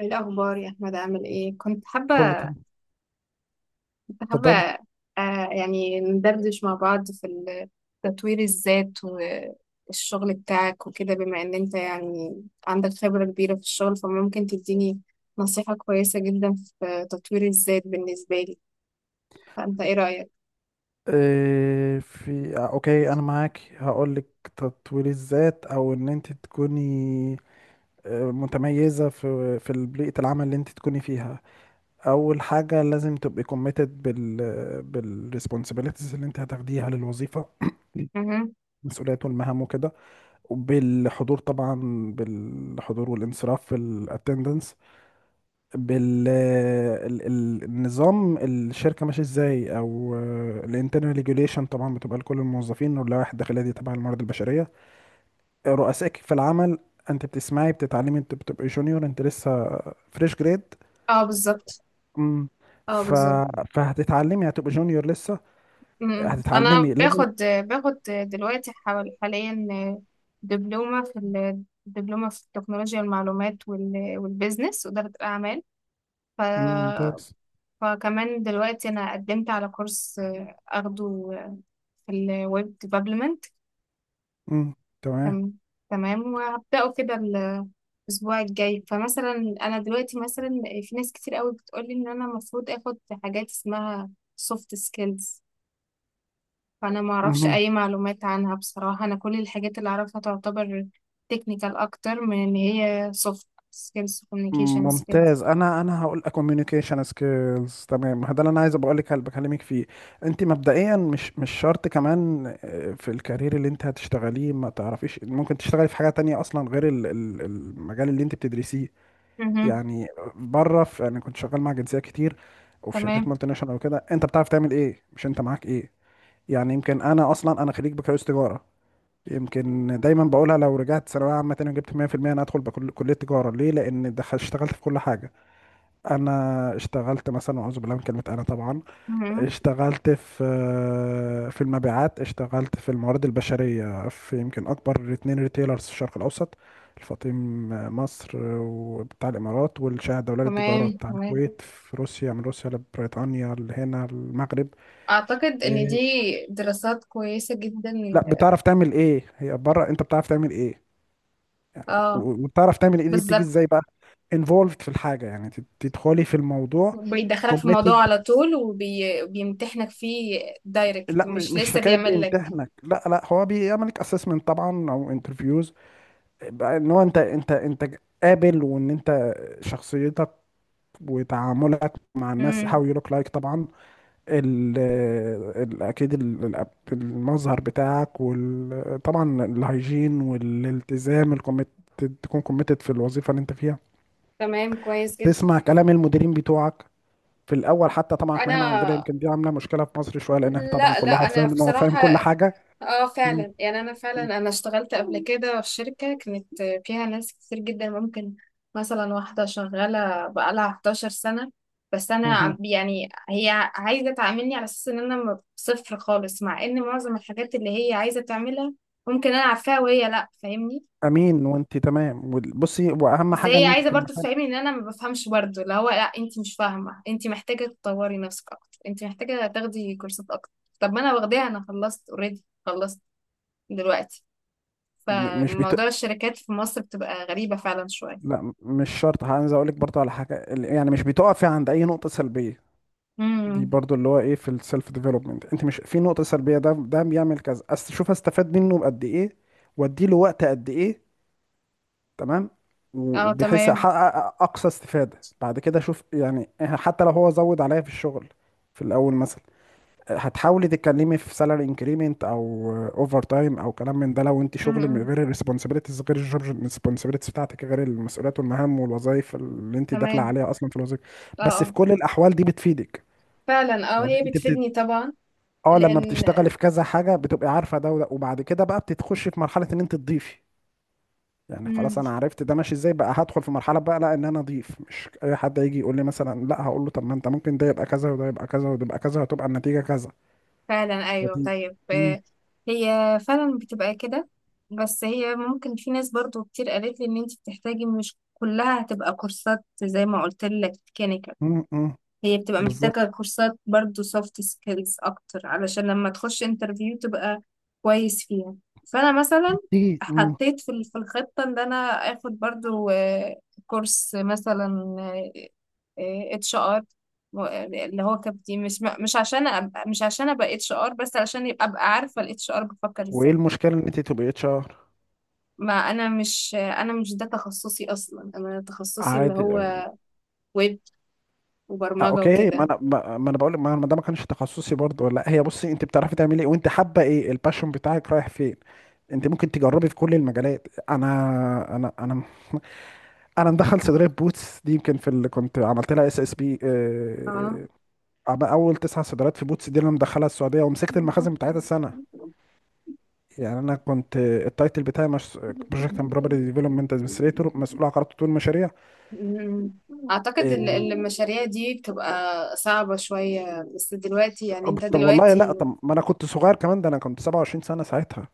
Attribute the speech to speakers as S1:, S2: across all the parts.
S1: ايه الاخبار يا احمد؟ عامل ايه؟ كنت
S2: كله
S1: حابه
S2: تمام.
S1: كنت حابه
S2: اتفضلي.
S1: يعني ندردش مع بعض تطوير الذات والشغل بتاعك وكده. بما ان انت يعني عندك خبره كبيره في الشغل، فممكن تديني نصيحه كويسه جدا في تطوير الذات بالنسبه لي. فانت ايه رايك؟
S2: إيه في آه، اوكي انا معاك هقول لك. تطوير الذات او ان انت تكوني متميزه في بيئه العمل اللي انت تكوني فيها. اول حاجه لازم تبقي كوميتد بالريسبونسابيلتيز اللي انت هتاخديها للوظيفه،
S1: مهم.
S2: المسؤوليات والمهام وكده، وبالحضور طبعا، بالحضور والانصراف في الاتندنس، بالنظام الشركة ماشي ازاي، او الانترنال ريجوليشن طبعا بتبقى لكل الموظفين، واللوائح الداخلية دي تبع الموارد البشرية. رؤسائك في العمل، انت بتسمعي بتتعلمي، انت بتبقي جونيور، انت لسه فريش جريد.
S1: اه بالظبط.
S2: امم
S1: اه
S2: ف...
S1: بالظبط.
S2: فهتتعلمي، هتبقى جونيور لسه،
S1: مم. انا
S2: هتتعلمي لازم.
S1: باخد دلوقتي حوالي حاليا دبلومه في التكنولوجيا والمعلومات والبيزنس واداره الاعمال. ف...
S2: مم، ممتاز.
S1: فكمان دلوقتي انا قدمت على كورس اخده في الويب ديفلوبمنت.
S2: امم، تمام.
S1: تم... تمام، وهبداه كده الاسبوع الجاي. فمثلا انا دلوقتي، مثلا، في ناس كتير قوي بتقولي ان انا المفروض اخد حاجات اسمها سوفت سكيلز. فانا ما اعرفش اي معلومات عنها بصراحه. انا كل الحاجات اللي اعرفها تعتبر تكنيكال اكتر من ان هي سوفت سكيلز، كوميونيكيشن سكيلز.
S2: ممتاز. انا هقول لك communication skills. تمام، ما ده اللي انا عايز ابقى لك بكلمك فيه. انت مبدئيا مش شرط كمان، في الكارير اللي انت هتشتغليه، ما تعرفيش ممكن تشتغلي في حاجه تانية اصلا غير المجال اللي انت بتدرسيه يعني. بره، انا كنت شغال مع جنسيات كتير وفي شركات
S1: تمام.
S2: مالتي ناشونال وكده. انت بتعرف تعمل ايه، مش انت معاك ايه. يعني يمكن انا اصلا، انا خريج بكالوريوس تجاره. يمكن دايما بقولها، لو رجعت ثانويه عامه تاني وجبت 100% انا ادخل بكل كليه تجاره، ليه؟ لان دخل اشتغلت في كل حاجه. انا اشتغلت مثلا، اعوذ بالله من كلمه انا طبعا،
S1: مهم.
S2: اشتغلت في المبيعات، اشتغلت في الموارد البشريه، في يمكن اكبر اتنين ريتيلرز في الشرق الاوسط، الفاطم مصر وبتاع الامارات، والشاهد الدولي للتجاره
S1: تمام،
S2: بتاع
S1: تمام.
S2: الكويت، في روسيا، من روسيا لبريطانيا لهنا المغرب.
S1: اعتقد ان دي
S2: إيه،
S1: دراسات كويسه جدا.
S2: لا، بتعرف تعمل ايه هي بره، انت بتعرف تعمل ايه.
S1: اه
S2: وبتعرف تعمل ايه دي بتيجي
S1: بالظبط.
S2: ازاي بقى. involved في الحاجه، يعني تدخلي في الموضوع.
S1: بيدخلك في
S2: committed.
S1: الموضوع على طول وبيمتحنك فيه دايركت،
S2: لا، مش
S1: مش
S2: مش
S1: لسه
S2: حكايه
S1: بيعمل لك.
S2: بيمتحنك، لا لا، هو بيعملك اسسمنت طبعا، او انترفيوز، بقى ان هو انت قابل، وان انت شخصيتك وتعاملك مع الناس، how
S1: مم.
S2: you look like طبعا. ال ال اكيد ال- ال- المظهر بتاعك، وطبعا الهيجين والالتزام الكوميت، تكون كوميتد في الوظيفه اللي انت فيها.
S1: تمام، كويس جدا.
S2: تسمع كلام المديرين بتوعك في الاول حتى، طبعا احنا هنا
S1: انا
S2: عندنا يمكن دي عامله مشكله في مصر شويه، لان احنا طبعا
S1: لا لا،
S2: كل واحد
S1: انا
S2: فاهم ان هو فاهم
S1: بصراحة
S2: كل حاجه.
S1: اه فعلا يعني،
S2: مم.
S1: انا اشتغلت قبل كده في شركة كانت فيها ناس كتير جدا. ممكن مثلا واحدة شغالة بقالها 11 سنة، بس انا
S2: مهم.
S1: يعني هي عايزة تعاملني على اساس ان انا صفر خالص، مع ان معظم الحاجات اللي هي عايزة تعملها ممكن انا عارفاها، وهي لا فاهمني.
S2: امين. وانت تمام، بصي، واهم
S1: بس
S2: حاجه
S1: هي
S2: ان انت
S1: عايزة
S2: في
S1: برضو
S2: المكان.
S1: تفهمني ان انا ما بفهمش، برضو اللي هو لا، انت مش فاهمة، انت محتاجة تطوري نفسك اكتر، انت محتاجة تاخدي كورسات اكتر. طب ما انا واخداها، انا خلصت اوريدي، خلصت دلوقتي.
S2: م- مش بت...
S1: فموضوع الشركات في مصر بتبقى غريبة فعلا شوية.
S2: لا، مش شرط، عايز اقول لك برضه على حاجه، يعني مش بتقفي عند اي نقطه سلبيه. دي
S1: امم.
S2: برضه اللي هو ايه، في السيلف ديفلوبمنت انت مش في نقطه سلبيه، ده ده بيعمل كذا. شوف استفاد منه بقد ايه، وادي له وقت قد ايه، تمام،
S1: اه
S2: وبحيث
S1: تمام.
S2: احقق اقصى استفاده. بعد كده شوف يعني حتى لو هو زود عليا في الشغل في الاول مثلا، هتحاولي تتكلمي في سالاري انكريمنت او اوفر تايم او كلام من ده، لو انت شغل من
S1: امم.
S2: غير الريسبونسابيلتيز، غير الجوب الريسبونسابيلتيز بتاعتك، غير المسؤوليات والمهام والوظائف اللي انت داخله
S1: تمام.
S2: عليها اصلا في الوظيفه.
S1: اه
S2: بس في
S1: اه.
S2: كل الاحوال دي بتفيدك.
S1: فعلا اه،
S2: يعني
S1: هي
S2: انت بت...
S1: بتفيدني طبعا.
S2: اه، لما
S1: لان
S2: بتشتغلي في كذا حاجه بتبقي عارفه ده وده، وبعد كده بقى بتتخشي في مرحله ان انت تضيفي. يعني خلاص،
S1: امم،
S2: انا عرفت ده ماشي ازاي، بقى هدخل في مرحله بقى، لا ان انا اضيف، مش اي حد يجي يقول لي مثلا، لا، هقول له طب ما انت ممكن ده يبقى كذا، وده يبقى كذا، وده يبقى كذا، وتبقى النتيجه كذا.
S1: فعلا ايوه.
S2: نتيجه.
S1: طيب
S2: امم.
S1: هي فعلا بتبقى كده. بس هي ممكن، في ناس برضو كتير قالت لي ان انت بتحتاجي مش كلها هتبقى كورسات زي ما قلت لك.
S2: امم.
S1: هي بتبقى
S2: بالظبط.
S1: محتاجة كورسات برضو soft skills أكتر، علشان لما تخش انترفيو تبقى كويس فيها. فأنا مثلا
S2: دي مم.
S1: حطيت في الخطة إن أنا آخد برضو، كورس مثلا HR، اللي هو كابتن. مش عشان أبقى مش عشان ابقى HR، بس علشان ابقى عارفه الHR بفكر
S2: وايه
S1: ازاي.
S2: المشكله ان انت تبقي اتش ار؟
S1: ما انا مش انا مش ده تخصصي اصلا. انا تخصصي اللي
S2: عادي.
S1: هو ويب وبرمجه
S2: اوكي، ما
S1: وكده.
S2: انا ما ما انا بقول، ما ما ده ما كانش تخصصي برضه، ولا هي، بصي، انت بتعرفي تعملي ايه، وانت حابه ايه، الباشون بتاعك رايح فين. انت ممكن تجربي في كل المجالات. انا مدخل صيدليه بوتس دي، يمكن في اللي كنت عملت لها اس اس بي،
S1: اه.
S2: اول تسع صيدليات في بوتس دي اللي انا مدخلها السعوديه، ومسكت المخازن بتاعتها السنه. يعني انا كنت التايتل بتاعي مش بروجكت اند بروبرتي ديفلوبمنت ادمنستريتور، مسؤول عن قرارات تطوير المشاريع.
S1: مم. أعتقد
S2: آه،
S1: المشاريع دي بتبقى صعبة شوية، بس دلوقتي يعني، أنت
S2: طب والله لا،
S1: دلوقتي
S2: طب ما انا كنت صغير كمان، ده انا كنت 27 سنة ساعتها.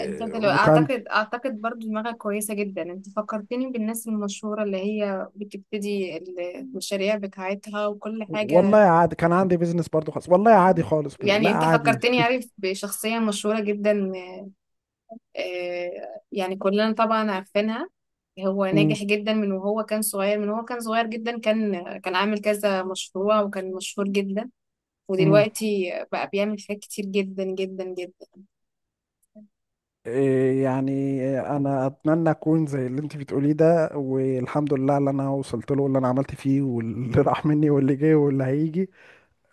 S1: أنت دلوقتي
S2: وكان،
S1: أعتقد برضو دماغك كويسة جدا. أنت فكرتني بالناس المشهورة اللي هي بتبتدي المشاريع بتاعتها وكل
S2: والله
S1: حاجة.
S2: عادي، كان عندي بيزنس برضو خالص. والله عادي خالص، لا
S1: يعني أنت
S2: عادي.
S1: فكرتني، عارف، بشخصية مشهورة جدا. آه، يعني كلنا طبعا عارفينها. هو
S2: امم.
S1: ناجح جدا من وهو كان صغير، من وهو كان صغير جدا. كان عامل كذا مشروع وكان مشهور جدا.
S2: امم.
S1: ودلوقتي بقى بيعمل حاجات كتير جدا جدا جدا.
S2: إيه يعني انا اتمنى اكون زي اللي انت بتقوليه ده، والحمد لله اللي انا وصلت له، واللي انا عملت فيه، واللي راح مني، واللي جه، واللي هيجي.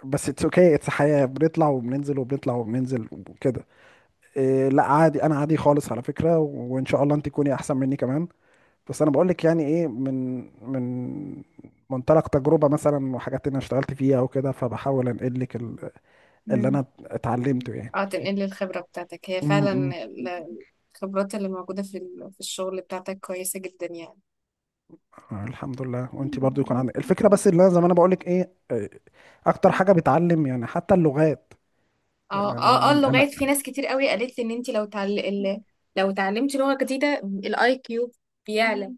S2: بس اتس اوكي، اتس حياة، بنطلع وبننزل وبنطلع وبننزل وكده. إيه لا عادي، انا عادي خالص على فكرة، وان شاء الله انت تكوني احسن مني كمان. بس انا بقول لك يعني ايه، من من منطلق تجربه مثلا، وحاجات انا اشتغلت فيها وكده، فبحاول انقل لك اللي
S1: مم.
S2: انا اتعلمته يعني.
S1: اه، تنقل الخبرة بتاعتك. هي فعلا
S2: امم.
S1: ال- الخبرات اللي موجودة في الشغل بتاعتك كويسة جدا يعني.
S2: الحمد لله. وانت برضو يكون عندك الفكره. بس اللي انا زي ما انا بقول لك ايه، اكتر حاجه بتعلم يعني حتى اللغات
S1: اه
S2: يعني. انا
S1: اه اه،
S2: انا
S1: اللغات. في ناس كتير قوي قالت لي ان انت لو اتعلمتي لغة جديدة الاي كيو بيعلى.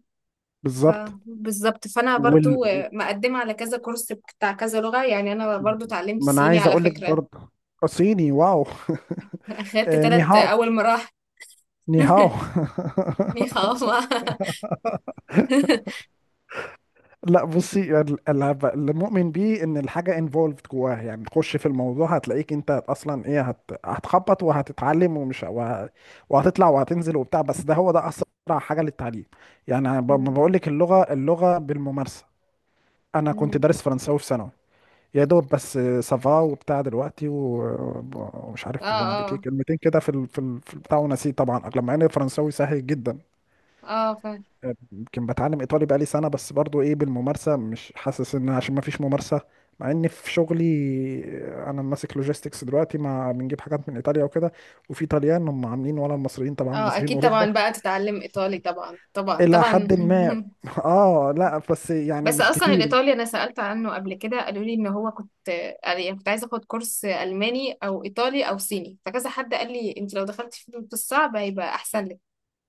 S1: ف
S2: بالظبط.
S1: بالظبط. فانا
S2: وال
S1: برضو مقدمة على كذا كورس بتاع كذا لغة. يعني انا برضو اتعلمت
S2: ما انا
S1: صيني
S2: عايز
S1: على
S2: اقول لك
S1: فكرة.
S2: برضه. صيني، واو
S1: اخدت تلت
S2: نيهاو.
S1: اول مراحل.
S2: نيهاو
S1: نيخاوما.
S2: لا بصي، اللي مؤمن بيه ان الحاجه انفولفد جواها، يعني تخش في الموضوع، هتلاقيك انت اصلا ايه، هتخبط وهتتعلم، وهتطلع وهتنزل وبتاع، بس ده هو ده اسرع حاجه للتعليم. يعني أنا ما
S1: مم.
S2: بقول لك، اللغه اللغه بالممارسه. انا كنت
S1: مم.
S2: دارس فرنساوي في ثانوي، يا دوب بس، سافا وبتاع دلوقتي، ومش
S1: اه
S2: عارف بونابتيه،
S1: اه
S2: كلمتين كده في البتاع، ونسيت طبعا، لما ان الفرنساوي سهل جدا.
S1: اه، فاهم.
S2: يمكن بتعلم ايطالي بقالي سنه، بس برضو ايه بالممارسه، مش حاسس ان عشان ما فيش ممارسه، مع ان في شغلي انا ماسك لوجيستكس دلوقتي، ما بنجيب حاجات من ايطاليا وكده، وفي طليان هم عاملين، ولا المصريين طبعا،
S1: اه
S2: مصريين
S1: اكيد طبعا،
S2: اوروبا
S1: بقى تتعلم ايطالي، طبعا طبعا
S2: الى
S1: طبعا.
S2: حد ما. اه لا، بس يعني
S1: بس
S2: مش
S1: اصلا
S2: كتير.
S1: الايطالي انا سألت عنه قبل كده، قالوا لي ان هو كنت، يعني كنت عايزه اخد كورس الماني او ايطالي او صيني. فكذا حد قال لي انت لو دخلتي في الصعب هيبقى احسن لك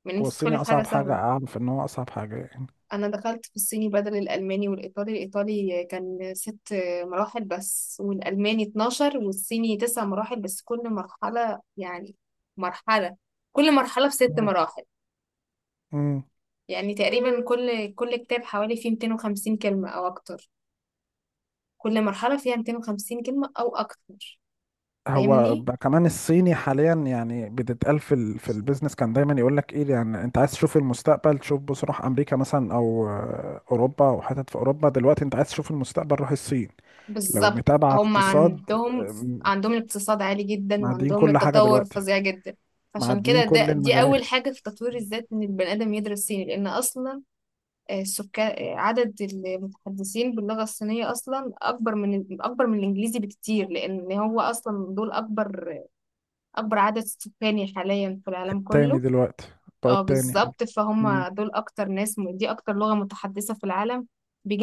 S1: من ان
S2: هو
S1: انت
S2: الصيني
S1: تدخلي في حاجه
S2: اصعب حاجه
S1: سهله.
S2: اعرف، ان هو اصعب حاجه يعني.
S1: انا دخلت في الصيني بدل الالماني الايطالي كان ست مراحل بس، والالماني 12، والصيني تسع مراحل بس. كل مرحله يعني مرحله كل مرحله بست مراحل.
S2: مم.
S1: يعني تقريبا كل كتاب حوالي فيه 250 كلمه او اكتر. كل مرحله فيها 250 كلمه او اكتر.
S2: هو
S1: فاهمني.
S2: بقى كمان الصيني حاليا يعني بتتقال في البيزنس، كان دايما يقول لك ايه يعني، انت عايز تشوف المستقبل، تشوف بص روح امريكا مثلا، او اوروبا، او حتت في اوروبا. دلوقتي انت عايز تشوف المستقبل، روح الصين. لو
S1: بالظبط.
S2: متابع
S1: هم
S2: اقتصاد.
S1: عندهم
S2: آم،
S1: عندهم الاقتصاد عالي جدا،
S2: معديين
S1: وعندهم
S2: كل حاجة
S1: التطور
S2: دلوقتي،
S1: فظيع جدا. عشان
S2: معديين
S1: كده
S2: كل
S1: دي
S2: المجالات.
S1: أول حاجة في تطوير الذات، إن البني آدم يدرس صيني. لأن أصلا السكان، عدد المتحدثين باللغة الصينية أصلا أكبر من الإنجليزي بكتير، لأن هو أصلا دول أكبر عدد سكاني حاليا في العالم
S2: التاني
S1: كله.
S2: دلوقتي، بقوا
S1: اه
S2: التاني.
S1: بالظبط.
S2: مم.
S1: فهم دول أكتر ناس، دي أكتر لغة متحدثة في العالم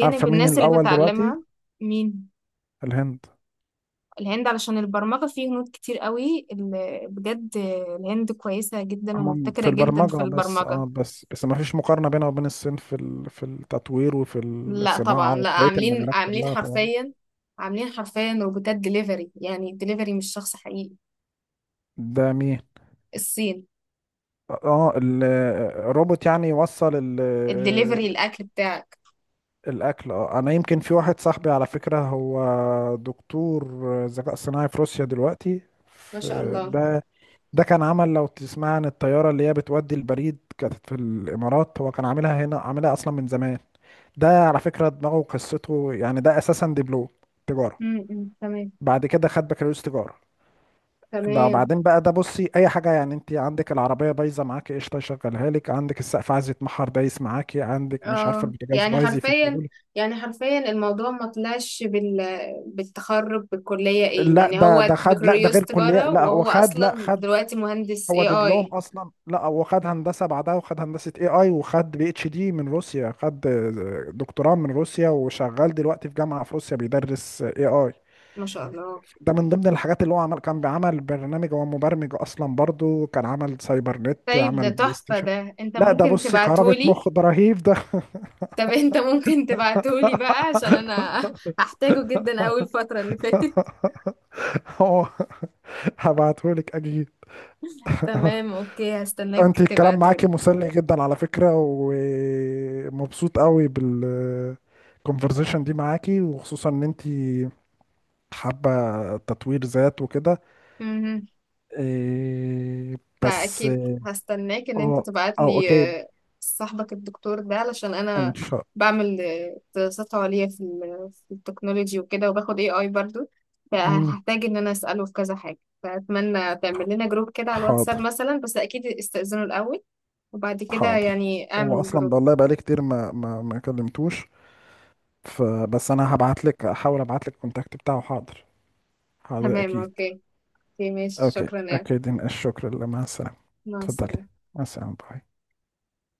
S2: عارفة مين
S1: الناس اللي
S2: الاول دلوقتي؟
S1: بتتعلمها. مين؟
S2: الهند.
S1: الهند، علشان البرمجة فيه هنود كتير قوي بجد. الهند كويسة جدا
S2: هم في
S1: ومبتكرة جدا
S2: البرمجة
S1: في
S2: بس، اه
S1: البرمجة.
S2: بس ما فيش مقارنة بينها وبين الصين في التطوير، وفي
S1: لا طبعا،
S2: الصناعة،
S1: لا،
S2: وفي بقية
S1: عاملين
S2: المجالات
S1: عاملين
S2: كلها طبعا.
S1: حرفيا، عاملين حرفيا روبوتات دليفري. يعني الدليفري مش شخص حقيقي.
S2: ده مين؟
S1: الصين.
S2: اه الروبوت، يعني يوصل
S1: الدليفري الأكل بتاعك.
S2: الأكل؟ اه أنا يمكن في واحد صاحبي على فكرة، هو دكتور ذكاء صناعي في روسيا دلوقتي.
S1: ما شاء الله.
S2: ده ده كان عمل، لو تسمع عن الطيارة اللي هي بتودي البريد كانت في الإمارات، هو كان عاملها هنا، عاملها أصلا من زمان. ده على فكرة دماغه وقصته، يعني ده أساسا دبلوم تجارة،
S1: امم، تمام.
S2: بعد كده خد بكالوريوس تجارة،
S1: تمام.
S2: بعدين بقى ده، بصي أي حاجة يعني، أنت عندك العربية بايظة معاكي قشطة يشغلها لك، عندك السقف عايز يتمحر دايس معاكي، عندك مش عارفة
S1: اه،
S2: البوتاجاز
S1: يعني
S2: بايظ
S1: حرفيا
S2: يفكهولك.
S1: يعني حرفيا الموضوع ما طلعش بالتخرج، بالكلية. ايه
S2: لا
S1: يعني،
S2: ده
S1: هو
S2: خد، لا ده
S1: بكالوريوس
S2: غير كلية،
S1: تجارة
S2: لا هو
S1: وهو
S2: خد، لا
S1: اصلا
S2: خد،
S1: دلوقتي مهندس
S2: هو
S1: اي
S2: دبلوم
S1: اي
S2: اصلا، لا هو خد هندسه بعدها، وخد هندسه اي اي، وخد بي اتش دي من روسيا، خد دكتوراه من روسيا، وشغال دلوقتي في جامعه في روسيا بيدرس اي اي.
S1: ما شاء الله.
S2: ده من ضمن الحاجات اللي هو عمل، كان بيعمل برنامج، هو مبرمج اصلا برضو، كان عمل سايبر نت،
S1: طيب ده
S2: عمل بلاي
S1: تحفة،
S2: ستيشن.
S1: ده انت
S2: لا ده
S1: ممكن
S2: بصي كهربة
S1: تبعتهولي؟
S2: مخ، ده رهيب ده.
S1: طب انت ممكن تبعتهولي بقى، عشان انا هحتاجه جدا اول فترة اللي فاتت.
S2: هو هبعتهولك اكيد.
S1: تمام اوكي، هستناك
S2: انت الكلام معاكي
S1: تبعتهولي.
S2: مسلي جدا على فكرة، ومبسوط قوي بالكونفرزيشن دي معاكي، وخصوصا ان انت حابة تطوير ذات وكده.
S1: مهم.
S2: إيه. بس
S1: فاكيد
S2: اه.
S1: هستناك ان انت
S2: اه.
S1: تبعتلي.
S2: اوكي.
S1: آه، صاحبك الدكتور ده، علشان
S2: ان
S1: انا
S2: شاء.
S1: بعمل دراسات عليا في التكنولوجي وكده، وباخد AI برضو.
S2: مم،
S1: فهحتاج ان انا اسأله في كذا حاجة. فأتمنى تعمل لنا جروب كده على الواتساب
S2: حاضر.
S1: مثلا، بس أكيد استأذنه الأول وبعد كده
S2: حاضر.
S1: يعني
S2: هو
S1: اعمل
S2: اصلا
S1: جروب.
S2: والله بقالي كتير ما ما ما كلمتوش. فبس انا هبعت لك، احاول ابعت لك الكونتاكت بتاعه. حاضر. حاضر
S1: تمام،
S2: اكيد.
S1: اوكي. اوكي ماشي،
S2: اوكي
S1: شكرا يا.
S2: اكيد، الشكر لله، مع السلامة.
S1: مع
S2: اتفضلي.
S1: السلامة.
S2: مع السلامة، باي.